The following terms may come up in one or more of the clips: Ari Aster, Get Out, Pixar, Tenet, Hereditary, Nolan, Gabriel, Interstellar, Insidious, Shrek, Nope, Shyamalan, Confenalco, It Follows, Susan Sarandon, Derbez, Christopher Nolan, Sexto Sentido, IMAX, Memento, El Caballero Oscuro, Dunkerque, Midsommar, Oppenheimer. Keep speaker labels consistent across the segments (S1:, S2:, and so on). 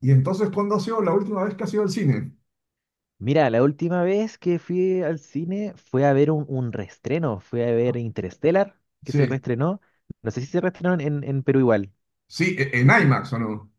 S1: Y entonces, ¿cuándo ha sido la última vez que ha sido al cine?
S2: Mira, la última vez que fui al cine fue a ver un reestreno, fue a ver Interstellar, que se
S1: Sí.
S2: reestrenó. No sé si se reestrenó en Perú igual.
S1: Sí, en IMAX, ¿o no?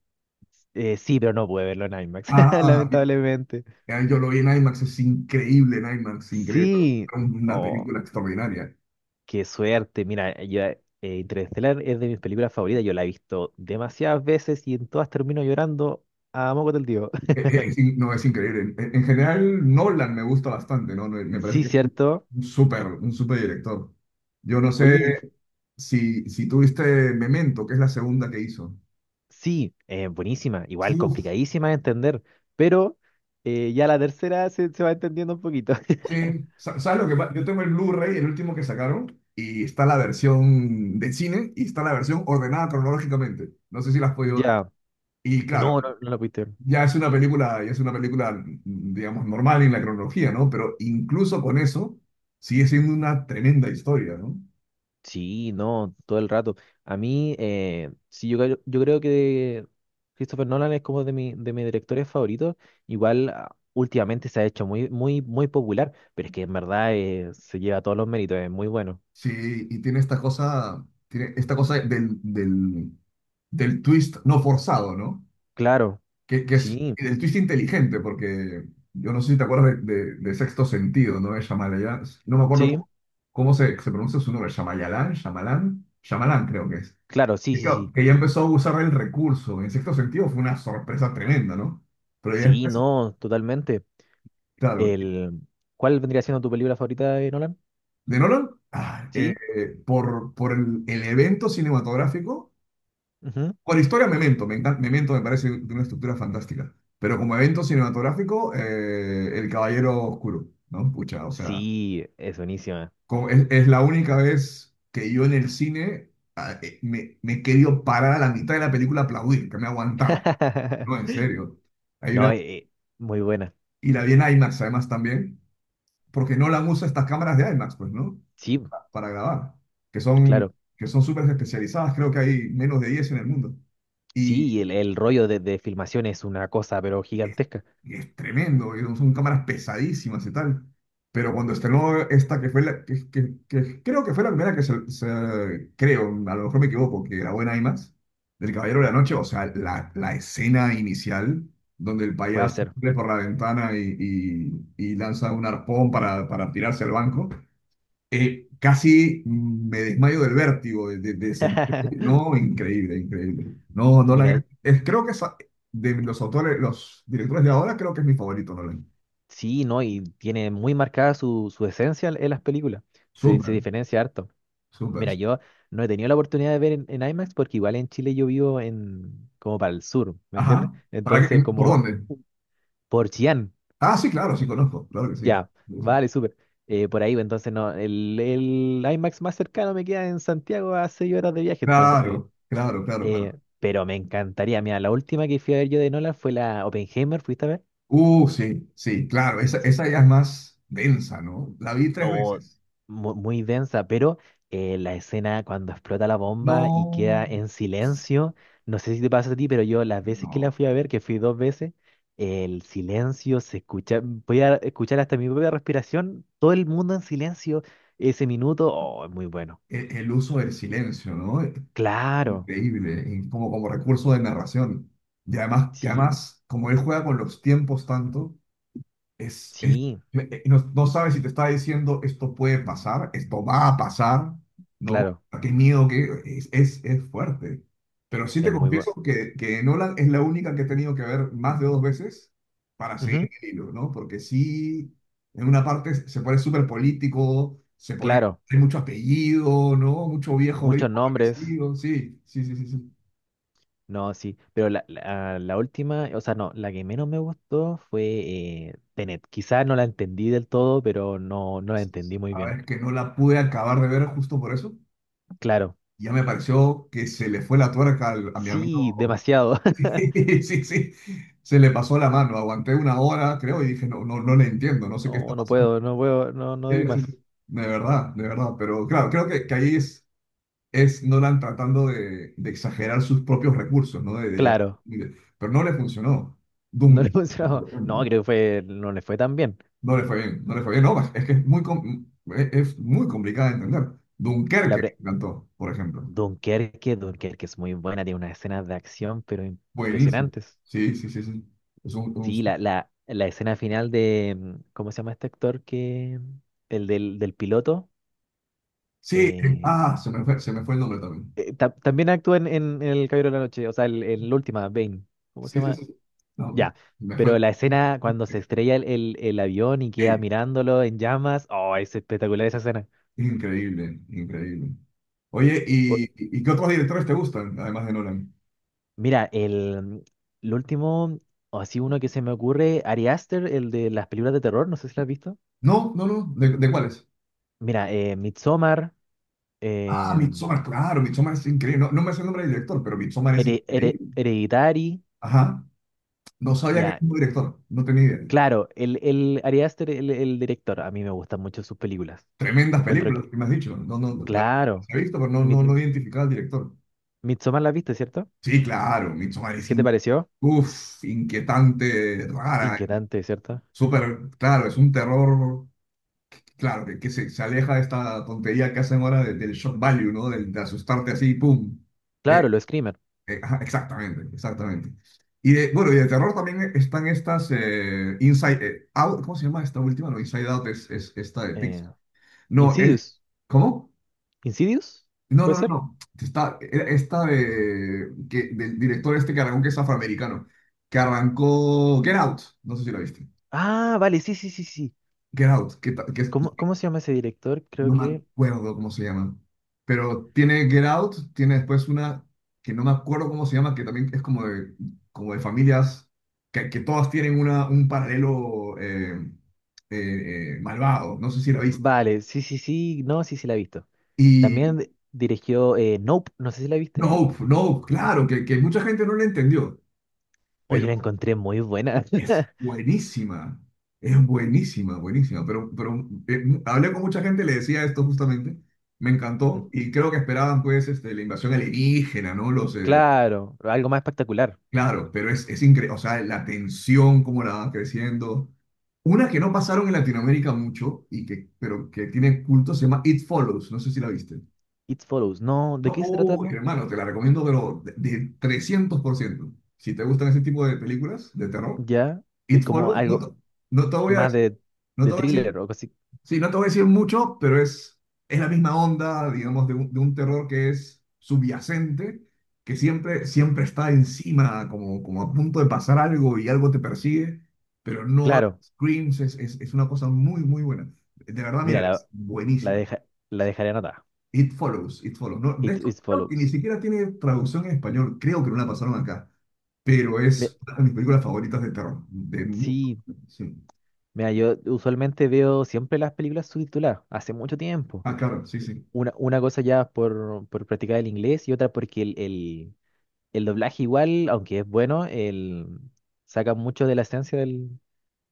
S2: Sí, pero no pude verlo en IMAX,
S1: Ah,
S2: lamentablemente.
S1: ya yo lo vi en IMAX, es increíble en IMAX, increíble, pero
S2: Sí,
S1: es una
S2: oh,
S1: película extraordinaria.
S2: qué suerte. Mira, yo, Interstellar es de mis películas favoritas, yo la he visto demasiadas veces y en todas termino llorando a moco del tío.
S1: No, es increíble. En general, Nolan me gusta bastante, ¿no? Me parece
S2: Sí,
S1: que es un
S2: cierto.
S1: un súper director. Yo no sé
S2: Oye,
S1: si tuviste Memento, que es la segunda que hizo.
S2: sí, buenísima, igual complicadísima de entender, pero ya la tercera se va entendiendo un poquito.
S1: Sí, ¿sabes lo que pasa? Yo tengo el Blu-ray, el último que sacaron, y está la versión de cine y está la versión ordenada cronológicamente. No sé si la has podido ver.
S2: Ya,
S1: Y claro,
S2: no, no, no la pudiste ver.
S1: ya es una película, ya es una película, digamos, normal en la cronología, ¿no? Pero incluso con eso, sigue siendo una tremenda historia, ¿no?
S2: Sí, no, todo el rato. A mí, sí, yo, yo creo que Christopher Nolan es como de, mi, de mis directores favoritos. Igual últimamente se ha hecho muy, muy, muy popular, pero es que en verdad se lleva todos los méritos, es muy bueno.
S1: Sí, y tiene esta cosa del twist no forzado, ¿no?
S2: Claro,
S1: Que es
S2: sí,
S1: el twist inteligente, porque yo no sé si te acuerdas de Sexto Sentido, ¿no? De Shyamalan, no me acuerdo
S2: sí,
S1: cómo, cómo se pronuncia su nombre, Shyamalan creo que es.
S2: claro, sí,
S1: Que,
S2: sí,
S1: claro,
S2: sí.
S1: que ya empezó a usar el recurso. En Sexto Sentido fue una sorpresa tremenda, ¿no? Pero ya
S2: Sí,
S1: después,
S2: no, totalmente.
S1: claro,
S2: El, ¿cuál vendría siendo tu película favorita de Nolan?
S1: de Nolan,
S2: Sí,
S1: por, el evento cinematográfico,
S2: ujú.
S1: con historia Memento, me encanta, Memento me parece de una estructura fantástica, pero como evento cinematográfico, El Caballero Oscuro, ¿no? Pucha, o sea...
S2: Sí, es buenísima.
S1: Como es la única vez que yo en el cine me he querido parar a la mitad de la película a aplaudir, que me ha aguantado. No, en serio. Hay
S2: No,
S1: una,
S2: muy buena.
S1: y la vi en IMAX además también, porque no la usa estas cámaras de IMAX, pues, ¿no?
S2: Sí,
S1: Para grabar, que son
S2: claro.
S1: que son súper especializadas, creo que hay menos de 10 en el mundo. Y,
S2: Sí, y el rollo de filmación es una cosa, pero
S1: es,
S2: gigantesca.
S1: es tremendo, y son cámaras pesadísimas y tal. Pero cuando estrenó esta, que fue la, que, que creo que fue la primera que se, creo, a lo mejor me equivoco, que grabó en IMAX, del Caballero de la Noche, o sea, la escena inicial, donde el
S2: Puede
S1: payaso
S2: ser.
S1: sale por la ventana y, y lanza un arpón para tirarse al banco, casi me desmayo del vértigo, de sentir- No, increíble, increíble. No,
S2: Mira,
S1: Nolan, es, creo que es de los autores, los directores de ahora, creo que es mi favorito, Nolan.
S2: sí, ¿no? Y tiene muy marcada su, su esencia en las películas. Se
S1: Súper,
S2: diferencia harto.
S1: súper.
S2: Mira, yo no he tenido la oportunidad de ver en IMAX porque igual en Chile yo vivo en como para el sur, ¿me entiendes?
S1: Ajá.
S2: Entonces,
S1: ¿Por
S2: como
S1: dónde?
S2: por Chillán.
S1: Ah, sí, claro, sí conozco, claro que sí.
S2: Ya, vale, súper. Por ahí, pues, entonces no, el IMAX más cercano me queda en Santiago a 6 horas de viaje, entonces.
S1: Claro, claro, claro, claro.
S2: Pero me encantaría, mira, la última que fui a ver yo de Nolan fue la Oppenheimer, ¿fuiste a ver?
S1: Sí, sí, claro, esa,
S2: Sí,
S1: esa ya es más densa, ¿no? La vi tres
S2: o
S1: veces.
S2: muy, densa, pero la escena cuando explota la bomba y
S1: No,
S2: queda en silencio, no sé si te pasa a ti, pero yo las veces que la
S1: no,
S2: fui a ver, que fui 2 veces, el silencio se escucha, voy a escuchar hasta mi propia respiración, todo el mundo en silencio, ese minuto, oh, es muy bueno.
S1: el uso del silencio, ¿no?
S2: Claro,
S1: Increíble, y como, como recurso de narración. Y además, que
S2: sí,
S1: además, como él juega con los tiempos tanto, es,
S2: sí,
S1: no, no sabes si te está diciendo esto puede pasar, esto va a pasar, ¿no?
S2: claro,
S1: Ah, qué miedo que es fuerte. Pero sí te
S2: es muy bueno.
S1: confieso que Nolan es la única que he tenido que ver más de 2 veces para seguir el hilo, ¿no? Porque sí, en una parte se pone súper político, se pone,
S2: Claro,
S1: hay mucho apellido, ¿no? Mucho viejo gringo
S2: muchos nombres.
S1: parecido, sí, sí, sí, sí, sí.
S2: No, sí, pero la última, o sea, no, la que menos me gustó fue Tenet. Quizás no la entendí del todo, pero no, no la entendí muy
S1: A ver,
S2: bien.
S1: es que no la pude acabar de ver justo por eso.
S2: Claro,
S1: Ya me pareció que se le fue la tuerca a mi
S2: sí,
S1: amigo
S2: demasiado.
S1: Sí, sí, sí. Se le pasó la mano. Aguanté una hora, creo, y dije, no, no, no le entiendo, no sé qué está
S2: No, no
S1: pasando.
S2: puedo, no puedo, no, no doy
S1: Sí, sí,
S2: más.
S1: sí. De verdad, de verdad. Pero claro, creo que ahí es Nolan tratando de exagerar sus propios recursos, ¿no?
S2: Claro,
S1: Pero no le funcionó.
S2: no
S1: Duncan,
S2: le funcionó.
S1: por
S2: No,
S1: ejemplo,
S2: creo que fue, no le fue tan bien.
S1: no le fue bien, no le fue bien. No, es que es muy, es muy complicada de entender.
S2: La
S1: Dunkerque
S2: pre
S1: me encantó, por ejemplo.
S2: Dunkerque, Dunkerque es muy buena, tiene unas escenas de acción, pero
S1: Buenísimo.
S2: impresionantes.
S1: Sí, sí, sí, sí. Es un-
S2: Sí, la escena final de, mm, ¿cómo se llama este actor que, el del, del piloto?
S1: Sí,
S2: Eh,
S1: ah, se me fue el nombre también.
S2: También actúa en, en El Caballero de la Noche, o sea, en la última, Bane. ¿Cómo se
S1: Sí, sí,
S2: llama?
S1: sí. No, no,
S2: Ya.
S1: me fue.
S2: Pero la escena cuando se estrella el, el avión y queda
S1: Sí,
S2: mirándolo en llamas, oh, es espectacular esa escena.
S1: increíble, increíble. Oye,
S2: O-
S1: ¿y qué otros directores te gustan, además de Nolan?
S2: Mira, el último, o así uno que se me ocurre, Ari Aster, el de las películas de terror, no sé si la has visto.
S1: No, no, no. ¿De cuáles?
S2: Mira, Midsommar,
S1: Ah,
S2: eh,
S1: Midsommar, claro, Midsommar es increíble. No, no me sé el nombre del director, pero Midsommar es increíble.
S2: Hereditary,
S1: Ajá. No sabía que era
S2: ya.
S1: un director, no tenía idea.
S2: Claro, el Ari Aster, el director, a mí me gustan mucho sus películas.
S1: Tremendas
S2: Encuentro
S1: películas,
S2: que
S1: que me has dicho. No, no, la
S2: claro.
S1: he visto, pero no,
S2: Mi
S1: no, no identificaba al director.
S2: Midsommar la viste, ¿cierto?
S1: Sí, claro, Midsommar es
S2: ¿Qué te
S1: in-
S2: pareció?
S1: uf, inquietante, rara,
S2: Inquietante, ¿cierto?
S1: súper, claro, es un terror claro, que se aleja de esta tontería que hacen ahora del shock value, ¿no? De asustarte así, ¡pum! Eh,
S2: Claro, lo Screamer.
S1: ajá, exactamente, exactamente. Y de, bueno, y de terror también están estas Inside Out, ¿cómo se llama esta última? No, Inside Out es esta de
S2: Eh,
S1: Pixar. No, es,
S2: Insidious.
S1: ¿cómo?
S2: ¿Insidious?
S1: No,
S2: ¿Puede
S1: no, no,
S2: ser?
S1: no. Está, era esta de, que, del director este que arrancó, que es afroamericano, que arrancó Get Out, no sé si la viste.
S2: Ah, vale, sí, sí, sí, sí.
S1: Get Out, que, que es
S2: ¿Cómo, cómo se llama ese director? Creo
S1: no me
S2: que...
S1: acuerdo cómo se llama, pero tiene Get Out, tiene después una que no me acuerdo cómo se llama, que también es como de familias, que todas tienen una, un paralelo malvado, no sé si lo viste.
S2: Vale, sí, sí, sí. No, sí, sí, la he visto.
S1: Y
S2: También dirigió Nope, no sé si la viste.
S1: no, no, claro, que mucha gente no la entendió, pero
S2: Oye, la encontré muy buena.
S1: es buenísima. Es buenísima, buenísima, pero hablé con mucha gente, le decía esto justamente, me encantó y creo que esperaban pues este, la invasión alienígena, ¿no? Los,
S2: Claro, algo más espectacular.
S1: claro, pero es increíble, o sea, la tensión, cómo la van creciendo. Una que no pasaron en Latinoamérica mucho, y que, pero que tiene culto, se llama It Follows, no sé si la viste.
S2: It Follows. No, ¿de qué se trata,
S1: Oh,
S2: no?
S1: hermano, te la recomiendo, pero de 300%. Si te gustan ese tipo de películas de terror,
S2: Ya,
S1: It
S2: como
S1: Follows, no
S2: algo
S1: te, no te voy a
S2: más
S1: decir, no te
S2: de
S1: voy a decir
S2: thriller o algo así.
S1: sí, no te voy a decir mucho, pero es la misma onda, digamos, de un terror que es subyacente, que siempre, siempre está encima, como, como a punto de pasar algo y algo te persigue, pero no
S2: Claro,
S1: screams, es una cosa muy, muy buena. De verdad, mira,
S2: mira,
S1: es
S2: la,
S1: buenísima.
S2: deja- la dejaré anotada.
S1: It Follows, It Follows. No, de
S2: It,
S1: esto
S2: it
S1: creo que ni
S2: follows.
S1: siquiera tiene traducción en español, creo que no la pasaron acá, pero
S2: Ve-
S1: es una de mis películas favoritas de terror. De, mu-
S2: sí,
S1: sí.
S2: mira, yo usualmente veo siempre las películas subtituladas, hace mucho tiempo.
S1: Ah, claro, sí, sí.
S2: Una cosa ya por practicar el inglés y otra porque el doblaje igual, aunque es bueno, el, saca mucho de la esencia del,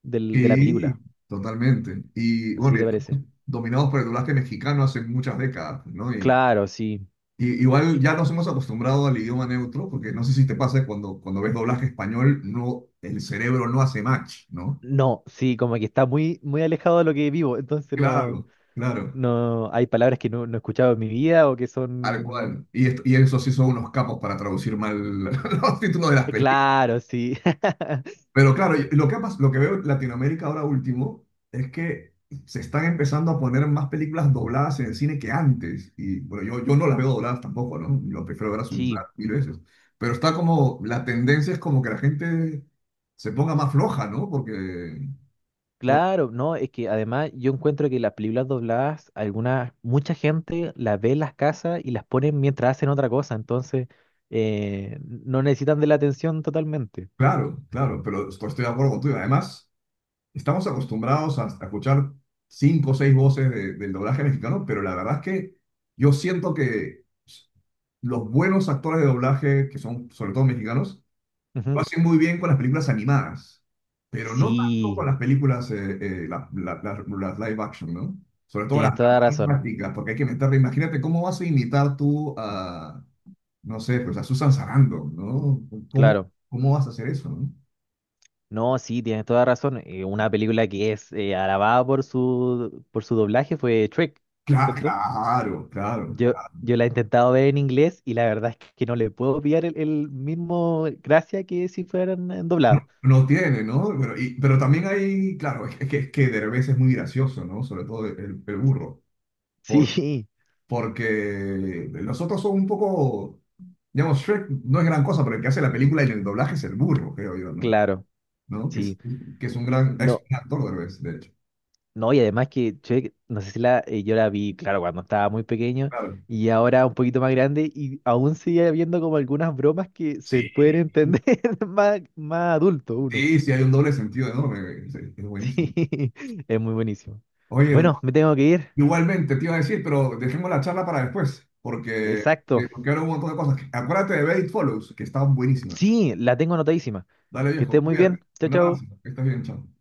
S2: de la
S1: Sí,
S2: película.
S1: totalmente. Y
S2: ¿Así
S1: bueno, y
S2: te
S1: estamos
S2: parece?
S1: dominados por el doblaje mexicano hace muchas décadas, ¿no?
S2: Claro, sí.
S1: Y igual ya nos hemos acostumbrado al idioma neutro, porque no sé si te pasa cuando, cuando ves doblaje español, no, el cerebro no hace match, ¿no?
S2: No, sí, como que está muy, muy alejado de lo que vivo, entonces no,
S1: Claro, claro,
S2: no, hay palabras que no, no he escuchado en mi vida o que
S1: tal
S2: son
S1: cual. Y, y eso sí son unos capos para traducir mal los títulos de las películas.
S2: claro, sí.
S1: Pero claro, lo que, lo que veo en Latinoamérica ahora último es que se están empezando a poner más películas dobladas en el cine que antes. Y bueno, yo no las veo dobladas tampoco, ¿no? Yo prefiero verlas mm
S2: Sí,
S1: subtituladas 1000 veces. Pero está como, la tendencia es como que la gente se ponga más floja, ¿no? Porque, por,
S2: claro, no, es que además yo encuentro que las películas dobladas, algunas, mucha gente las ve en las casas y las ponen mientras hacen otra cosa, entonces no necesitan de la atención totalmente.
S1: claro, claro, pero estoy de acuerdo contigo. Además... estamos acostumbrados a escuchar cinco o seis voces del doblaje mexicano, pero la verdad es que yo siento que los buenos actores de doblaje, que son sobre todo mexicanos, lo
S2: Ujú.
S1: hacen muy bien con las películas animadas, pero no tanto con
S2: Sí,
S1: las películas, las live action, ¿no? Sobre todo
S2: tienes
S1: las
S2: toda la razón,
S1: dramáticas, porque hay que meterle, imagínate cómo vas a imitar tú a, no sé, pues a Susan Sarandon, ¿no? ¿Cómo,
S2: claro.
S1: cómo vas a hacer eso, no?
S2: No, sí, tienes toda la razón. Una película que es alabada por su doblaje fue Shrek, ¿cierto?
S1: Claro, claro,
S2: Yo,
S1: claro.
S2: yo la he intentado ver en inglés y la verdad es que no le puedo pillar el mismo gracia que si fueran en
S1: No,
S2: doblada.
S1: no tiene, ¿no? Pero, pero también hay, claro, es, es que Derbez es muy gracioso, ¿no? Sobre todo el burro. Por,
S2: Sí,
S1: porque los otros son un poco, digamos, Shrek no es gran cosa, pero el que hace la película y el doblaje es el burro, creo yo, ¿no?
S2: claro,
S1: ¿No?
S2: sí.
S1: Que es un gran, es
S2: No,
S1: un actor Derbez, de hecho.
S2: no, y además que che, no sé si la, yo la vi, claro, cuando estaba muy pequeño
S1: Claro.
S2: y ahora un poquito más grande y aún sigue habiendo como algunas bromas que se
S1: Sí.
S2: pueden entender más, más adulto uno.
S1: Sí, sí, hay un doble sentido enorme. Es buenísimo.
S2: Sí, es muy buenísimo.
S1: Oye,
S2: Bueno,
S1: doctor,
S2: me tengo que ir.
S1: igualmente te iba a decir, pero dejemos la charla para después, porque,
S2: Exacto.
S1: porque ahora hubo un montón de cosas. Acuérdate de Bait Follows, que está buenísima.
S2: Sí, la tengo anotadísima.
S1: Dale
S2: Que
S1: viejo,
S2: estés muy
S1: cuídate.
S2: bien. Chao,
S1: Un abrazo,
S2: chao.
S1: que estés bien, chao.